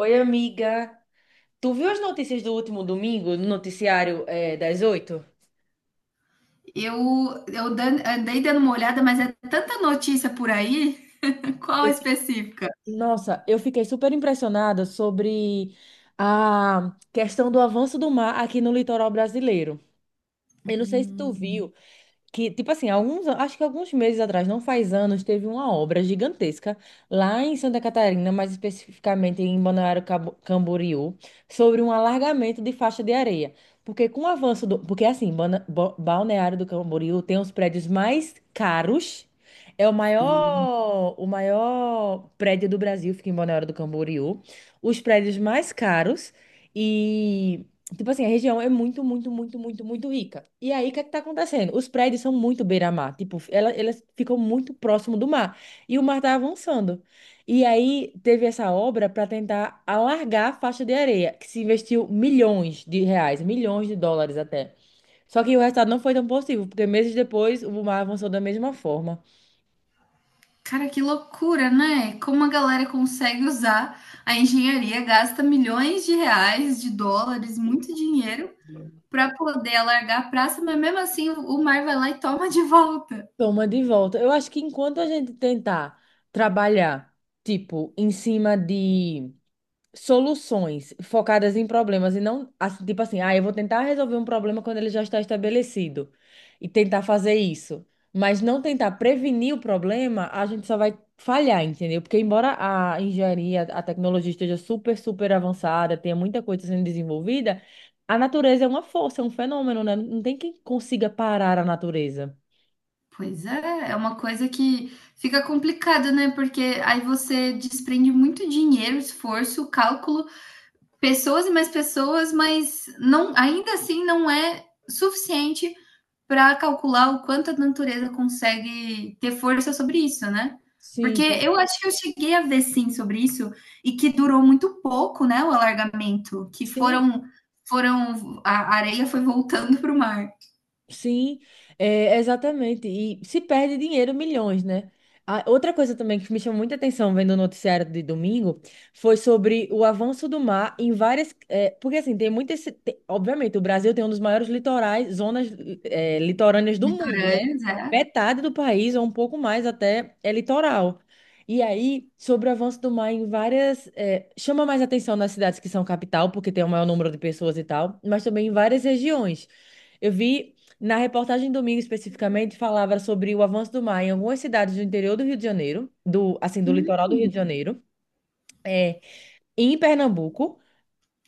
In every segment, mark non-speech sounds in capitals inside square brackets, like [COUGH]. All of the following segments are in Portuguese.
Oi, amiga. Tu viu as notícias do último domingo no noticiário das oito? Eu dan- andei dando uma olhada, mas é tanta notícia por aí. [LAUGHS] Qual Eu- específica? Nossa, eu fiquei super impressionada sobre a questão do avanço do mar aqui no litoral brasileiro. Eu não sei se tu Hum, viu, que, tipo assim, acho que alguns meses atrás, não faz anos, teve uma obra gigantesca lá em Santa Catarina, mais especificamente em Balneário Camboriú, sobre um alargamento de faixa de areia. Porque com o avanço do. Porque assim, Balneário do Camboriú tem os prédios mais caros. É o sim. maior, o maior prédio do Brasil, fica em Balneário do Camboriú. Os prédios mais caros. Tipo assim, a região é muito, muito, muito, muito, muito rica. E aí, o que é que tá acontecendo? Os prédios são muito beira-mar. Tipo, elas ficam muito próximo do mar. E o mar tá avançando. E aí, teve essa obra para tentar alargar a faixa de areia, que se investiu milhões de reais, milhões de dólares até. Só que o resultado não foi tão possível, porque meses depois o mar avançou da mesma forma. Cara, que loucura, né? Como a galera consegue usar a engenharia, gasta milhões de reais, de dólares, muito dinheiro para poder alargar a praça, mas mesmo assim o mar vai lá e toma de volta. Toma de volta. Eu acho que enquanto a gente tentar trabalhar, tipo, em cima de soluções focadas em problemas e não, assim, tipo assim, ah, eu vou tentar resolver um problema quando ele já está estabelecido e tentar fazer isso, mas não tentar prevenir o problema, a gente só vai falhar, entendeu? Porque embora a engenharia, a tecnologia esteja super, super avançada, tenha muita coisa sendo desenvolvida, a natureza é uma força, é um fenômeno, né? Não tem quem consiga parar a natureza. Pois é, é uma coisa que fica complicada, né? Porque aí você desprende muito dinheiro, esforço, cálculo pessoas e mais pessoas, mas não, ainda assim não é suficiente para calcular o quanto a natureza consegue ter força sobre isso, né? Sim, Porque eu acho que eu cheguei a ver sim sobre isso e que durou muito pouco, né, o alargamento, que sim, foram a areia foi voltando para o mar. sim, é, exatamente. E se perde dinheiro, milhões, né? Outra coisa também que me chamou muita atenção vendo o noticiário de domingo foi sobre o avanço do mar em várias. É, porque, assim, tem muitas. Obviamente, o Brasil tem um dos maiores litorais, zonas, é, litorâneas do mundo, né? Litorâneos, é. Metade do país, ou um pouco mais até, é litoral. E aí, sobre o avanço do mar em várias. É, chama mais atenção nas cidades que são capital, porque tem o maior número de pessoas e tal, mas também em várias regiões. Eu vi na reportagem domingo especificamente falava sobre o avanço do mar em algumas cidades do interior do Rio de Janeiro, do assim do litoral do Rio de Janeiro, é, em Pernambuco,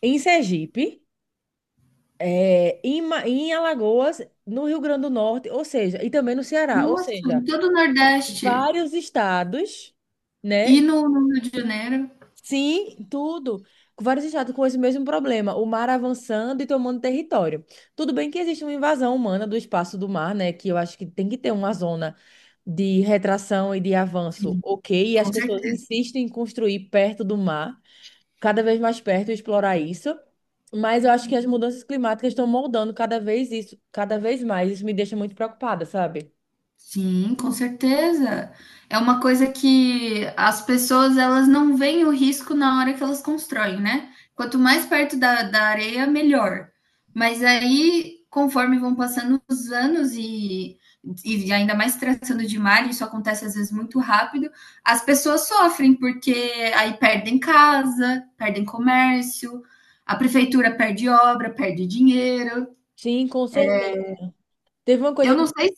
em Sergipe, é, em Alagoas, no Rio Grande do Norte, ou seja, e também no Ceará, ou Nossa, em seja, todo o Nordeste vários estados, e né. no, no Rio de Janeiro, Sim, tudo. Vários estados com esse mesmo problema, o mar avançando e tomando território. Tudo bem que existe uma invasão humana do espaço do mar, né? Que eu acho que tem que ter uma zona de retração e de avanço, sim, ok? E as com pessoas certeza. insistem em construir perto do mar, cada vez mais perto, e explorar isso. Mas eu acho que as mudanças climáticas estão moldando cada vez isso, cada vez mais. Isso me deixa muito preocupada, sabe? Sim, com certeza. É uma coisa que as pessoas elas não veem o risco na hora que elas constroem, né? Quanto mais perto da areia, melhor. Mas aí, conforme vão passando os anos e ainda mais tratando de mar, isso acontece às vezes muito rápido, as pessoas sofrem, porque aí perdem casa, perdem comércio, a prefeitura perde obra, perde dinheiro. Sim, com certeza. Teve uma Eu coisa que não sei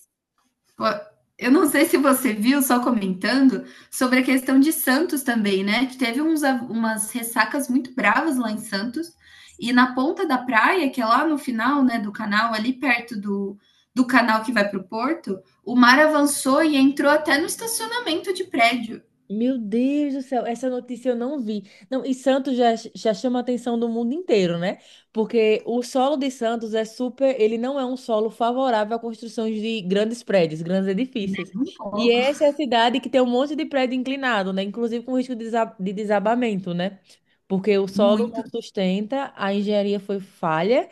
Eu não sei se você viu, só comentando, sobre a questão de Santos também, né? Que teve uns, umas ressacas muito bravas lá em Santos. E na ponta da praia, que é lá no final, né, do canal, ali perto do, do canal que vai para o Porto, o mar avançou e entrou até no estacionamento de prédio. Meu Deus do céu, essa notícia eu não vi. Não, e Santos já chama a atenção do mundo inteiro, né? Porque o solo de Santos é super, ele não é um solo favorável à construção de grandes prédios, grandes edifícios. Um E pouco. essa é a cidade que tem um monte de prédio inclinado, né? Inclusive com risco de de desabamento, né? Porque o solo Muito não sustenta, a engenharia foi falha,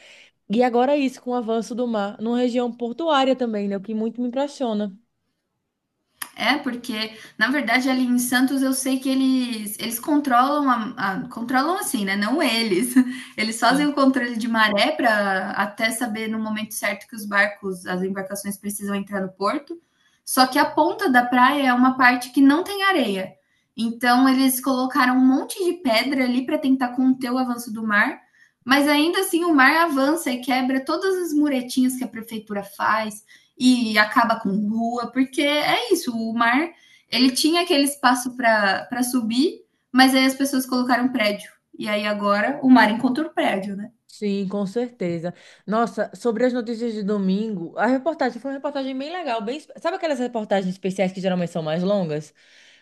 e agora é isso com o avanço do mar, numa região portuária também, né? O que muito me impressiona. é, porque, na verdade, ali em Santos eu sei que eles controlam a, controlam assim, né? Não eles. [LAUGHS] Eles fazem o controle de maré para até saber no momento certo que os barcos, as embarcações precisam entrar no porto. Só que a ponta da praia é uma parte que não tem areia. Então eles colocaram um monte de pedra ali para tentar conter o avanço do mar, mas ainda assim o mar avança e quebra todas as muretinhas que a prefeitura faz e acaba com rua, porque é isso, o mar, ele tinha aquele espaço para subir, mas aí as pessoas colocaram prédio. E aí agora o mar encontrou o prédio, né? Sim, com certeza. Nossa, sobre as notícias de domingo, a reportagem foi uma reportagem bem legal, bem, sabe aquelas reportagens especiais que geralmente são mais longas?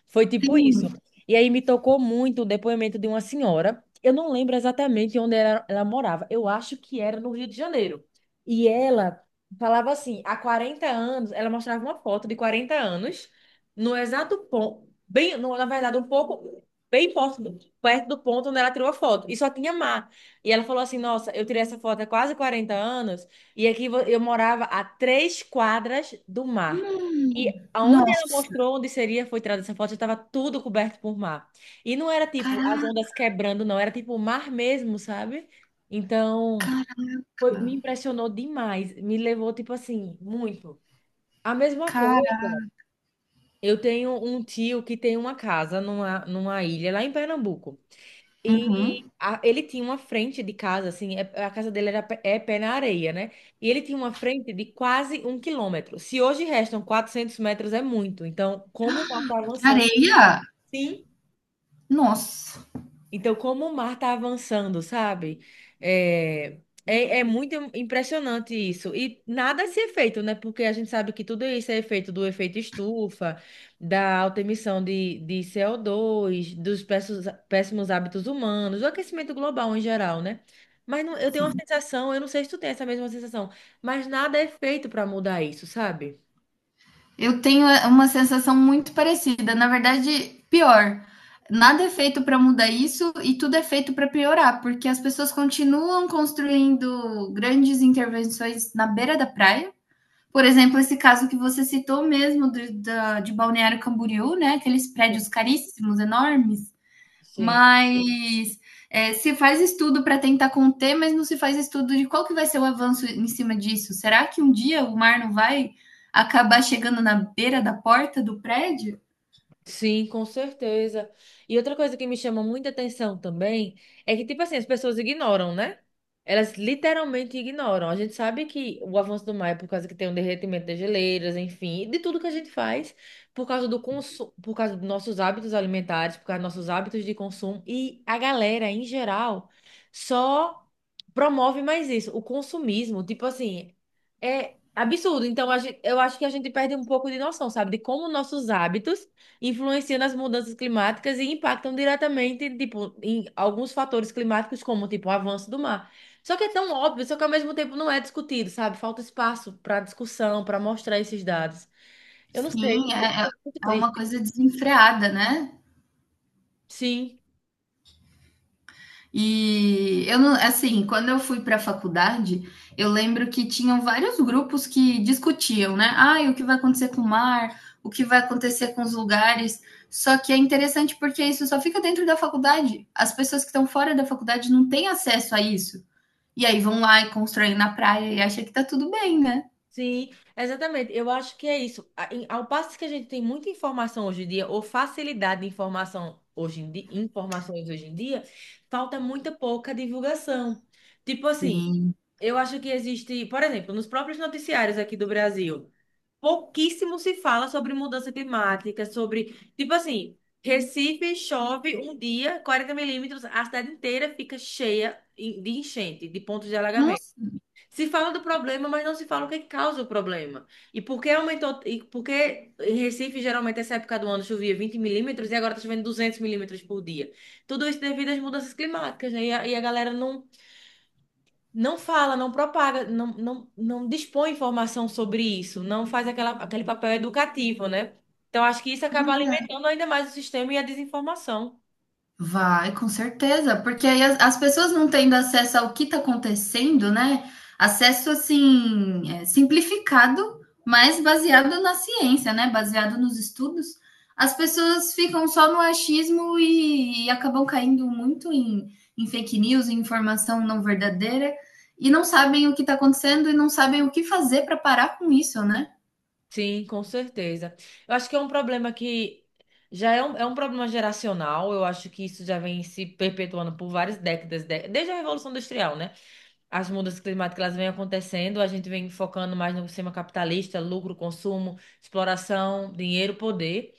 Foi tipo isso. Sim. E aí me tocou muito o depoimento de uma senhora. Eu não lembro exatamente onde ela morava. Eu acho que era no Rio de Janeiro. E ela falava assim, há 40 anos, ela mostrava uma foto de 40 anos, no exato ponto, bem, na verdade, um pouco bem perto do ponto onde ela tirou a foto. E só tinha mar. E ela falou assim: Nossa, eu tirei essa foto há quase 40 anos e aqui eu morava a 3 quadras do mar. E Hum, aonde ela nossa, mostrou onde seria foi tirada essa foto, já estava tudo coberto por mar. E não era tipo as caraca, ondas quebrando, não, era tipo o mar mesmo, sabe? Então, me impressionou demais, me levou tipo assim, muito. A mesma cara. coisa, eu tenho um tio que tem uma casa numa ilha lá em Pernambuco. E Uhum. Ele tinha uma frente de casa, assim, a casa dele é pé na areia, né? E ele tinha uma frente de quase 1 quilômetro. Se hoje restam 400 metros, é muito. Então, como o mar está avançando? Areia? Sim. Nossa, Então, como o mar está avançando, sabe? É, é muito impressionante isso. E nada se é feito, né? Porque a gente sabe que tudo isso é efeito do efeito estufa, da alta emissão de CO2, dos péssimos, péssimos hábitos humanos, do aquecimento global em geral, né? Mas eu tenho uma sim. sensação, eu não sei se tu tem essa mesma sensação, mas nada é feito para mudar isso, sabe? Eu tenho uma sensação muito parecida, na verdade, pior. Nada é feito para mudar isso e tudo é feito para piorar, porque as pessoas continuam construindo grandes intervenções na beira da praia. Por exemplo, esse caso que você citou mesmo de Balneário Camboriú, né? Aqueles prédios caríssimos, enormes, Sim. mas é, se faz estudo para tentar conter, mas não se faz estudo de qual que vai ser o avanço em cima disso. Será que um dia o mar não vai acabar chegando na beira da porta do prédio? Sim, com certeza. E outra coisa que me chama muita atenção também é que, tipo assim, as pessoas ignoram, né? Elas literalmente ignoram. A gente sabe que o avanço do mar é por causa que tem um derretimento das geleiras, enfim, e de tudo que a gente faz, por causa do consumo, por causa dos nossos hábitos alimentares, por causa dos nossos hábitos de consumo. E a galera, em geral, só promove mais isso, o consumismo. Tipo assim, é absurdo. Então, a gente, eu acho que a gente perde um pouco de noção, sabe? De como nossos hábitos influenciam nas mudanças climáticas e impactam diretamente, tipo, em alguns fatores climáticos, como, tipo, o avanço do mar. Só que é tão óbvio, só que ao mesmo tempo não é discutido, sabe? Falta espaço para discussão, para mostrar esses dados. Eu não sei, Sim, é, muito é uma triste. coisa desenfreada, né? Sim, E eu não, assim, quando eu fui para a faculdade, eu lembro que tinham vários grupos que discutiam, né? Ah, o que vai acontecer com o mar, o que vai acontecer com os lugares. Só que é interessante porque isso só fica dentro da faculdade. As pessoas que estão fora da faculdade não têm acesso a isso. E aí vão lá e constroem na praia e acham que tá tudo bem, né? sim, exatamente. Eu acho que é isso. Ao passo que a gente tem muita informação hoje em dia, ou facilidade de informação hoje em dia, informações hoje em dia, falta muita pouca divulgação. Tipo assim, Sim. eu acho que existe, por exemplo, nos próprios noticiários aqui do Brasil, pouquíssimo se fala sobre mudança climática, sobre, tipo assim, Recife chove um dia, 40 milímetros, a cidade inteira fica cheia de enchente, de pontos de alagamento. Nossa, Se fala do problema, mas não se fala o que causa o problema. E por que aumentou, e por que em Recife, geralmente, essa época do ano chovia 20 milímetros e agora está chovendo 200 milímetros por dia. Tudo isso devido às mudanças climáticas, né? E a galera não fala, não propaga, não, não, não dispõe informação sobre isso, não faz aquele papel educativo, né? Então, acho que isso pois acaba é. alimentando ainda mais o sistema e a desinformação. Vai, com certeza, porque aí as pessoas não tendo acesso ao que está acontecendo, né? Acesso assim, é, simplificado, mas baseado na ciência, né? Baseado nos estudos, as pessoas ficam só no achismo e acabam caindo muito em fake news, em informação não verdadeira, e não sabem o que está acontecendo e não sabem o que fazer para parar com isso, né? Sim, com certeza. Eu acho que é um problema que já é um problema geracional, eu acho que isso já vem se perpetuando por várias décadas, desde a Revolução Industrial, né? As mudanças climáticas elas vêm acontecendo, a gente vem focando mais no sistema capitalista, lucro, consumo, exploração, dinheiro, poder.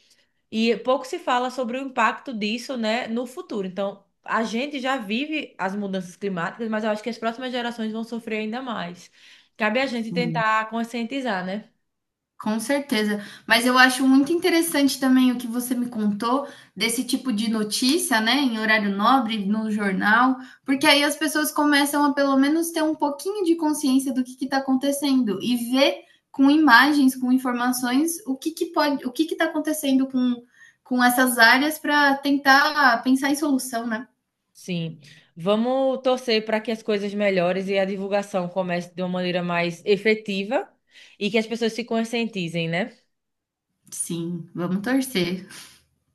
E pouco se fala sobre o impacto disso, né, no futuro. Então, a gente já vive as mudanças climáticas, mas eu acho que as próximas gerações vão sofrer ainda mais. Cabe a gente Sim. tentar conscientizar, né? Com certeza. Mas eu acho muito interessante também o que você me contou desse tipo de notícia, né, em horário nobre, no jornal, porque aí as pessoas começam a pelo menos ter um pouquinho de consciência do que está acontecendo e ver com imagens, com informações, o que, que pode, o que está acontecendo com essas áreas para tentar pensar em solução, né? Sim. Vamos torcer para que as coisas melhores e a divulgação comece de uma maneira mais efetiva e que as pessoas se conscientizem, né? Sim, vamos torcer.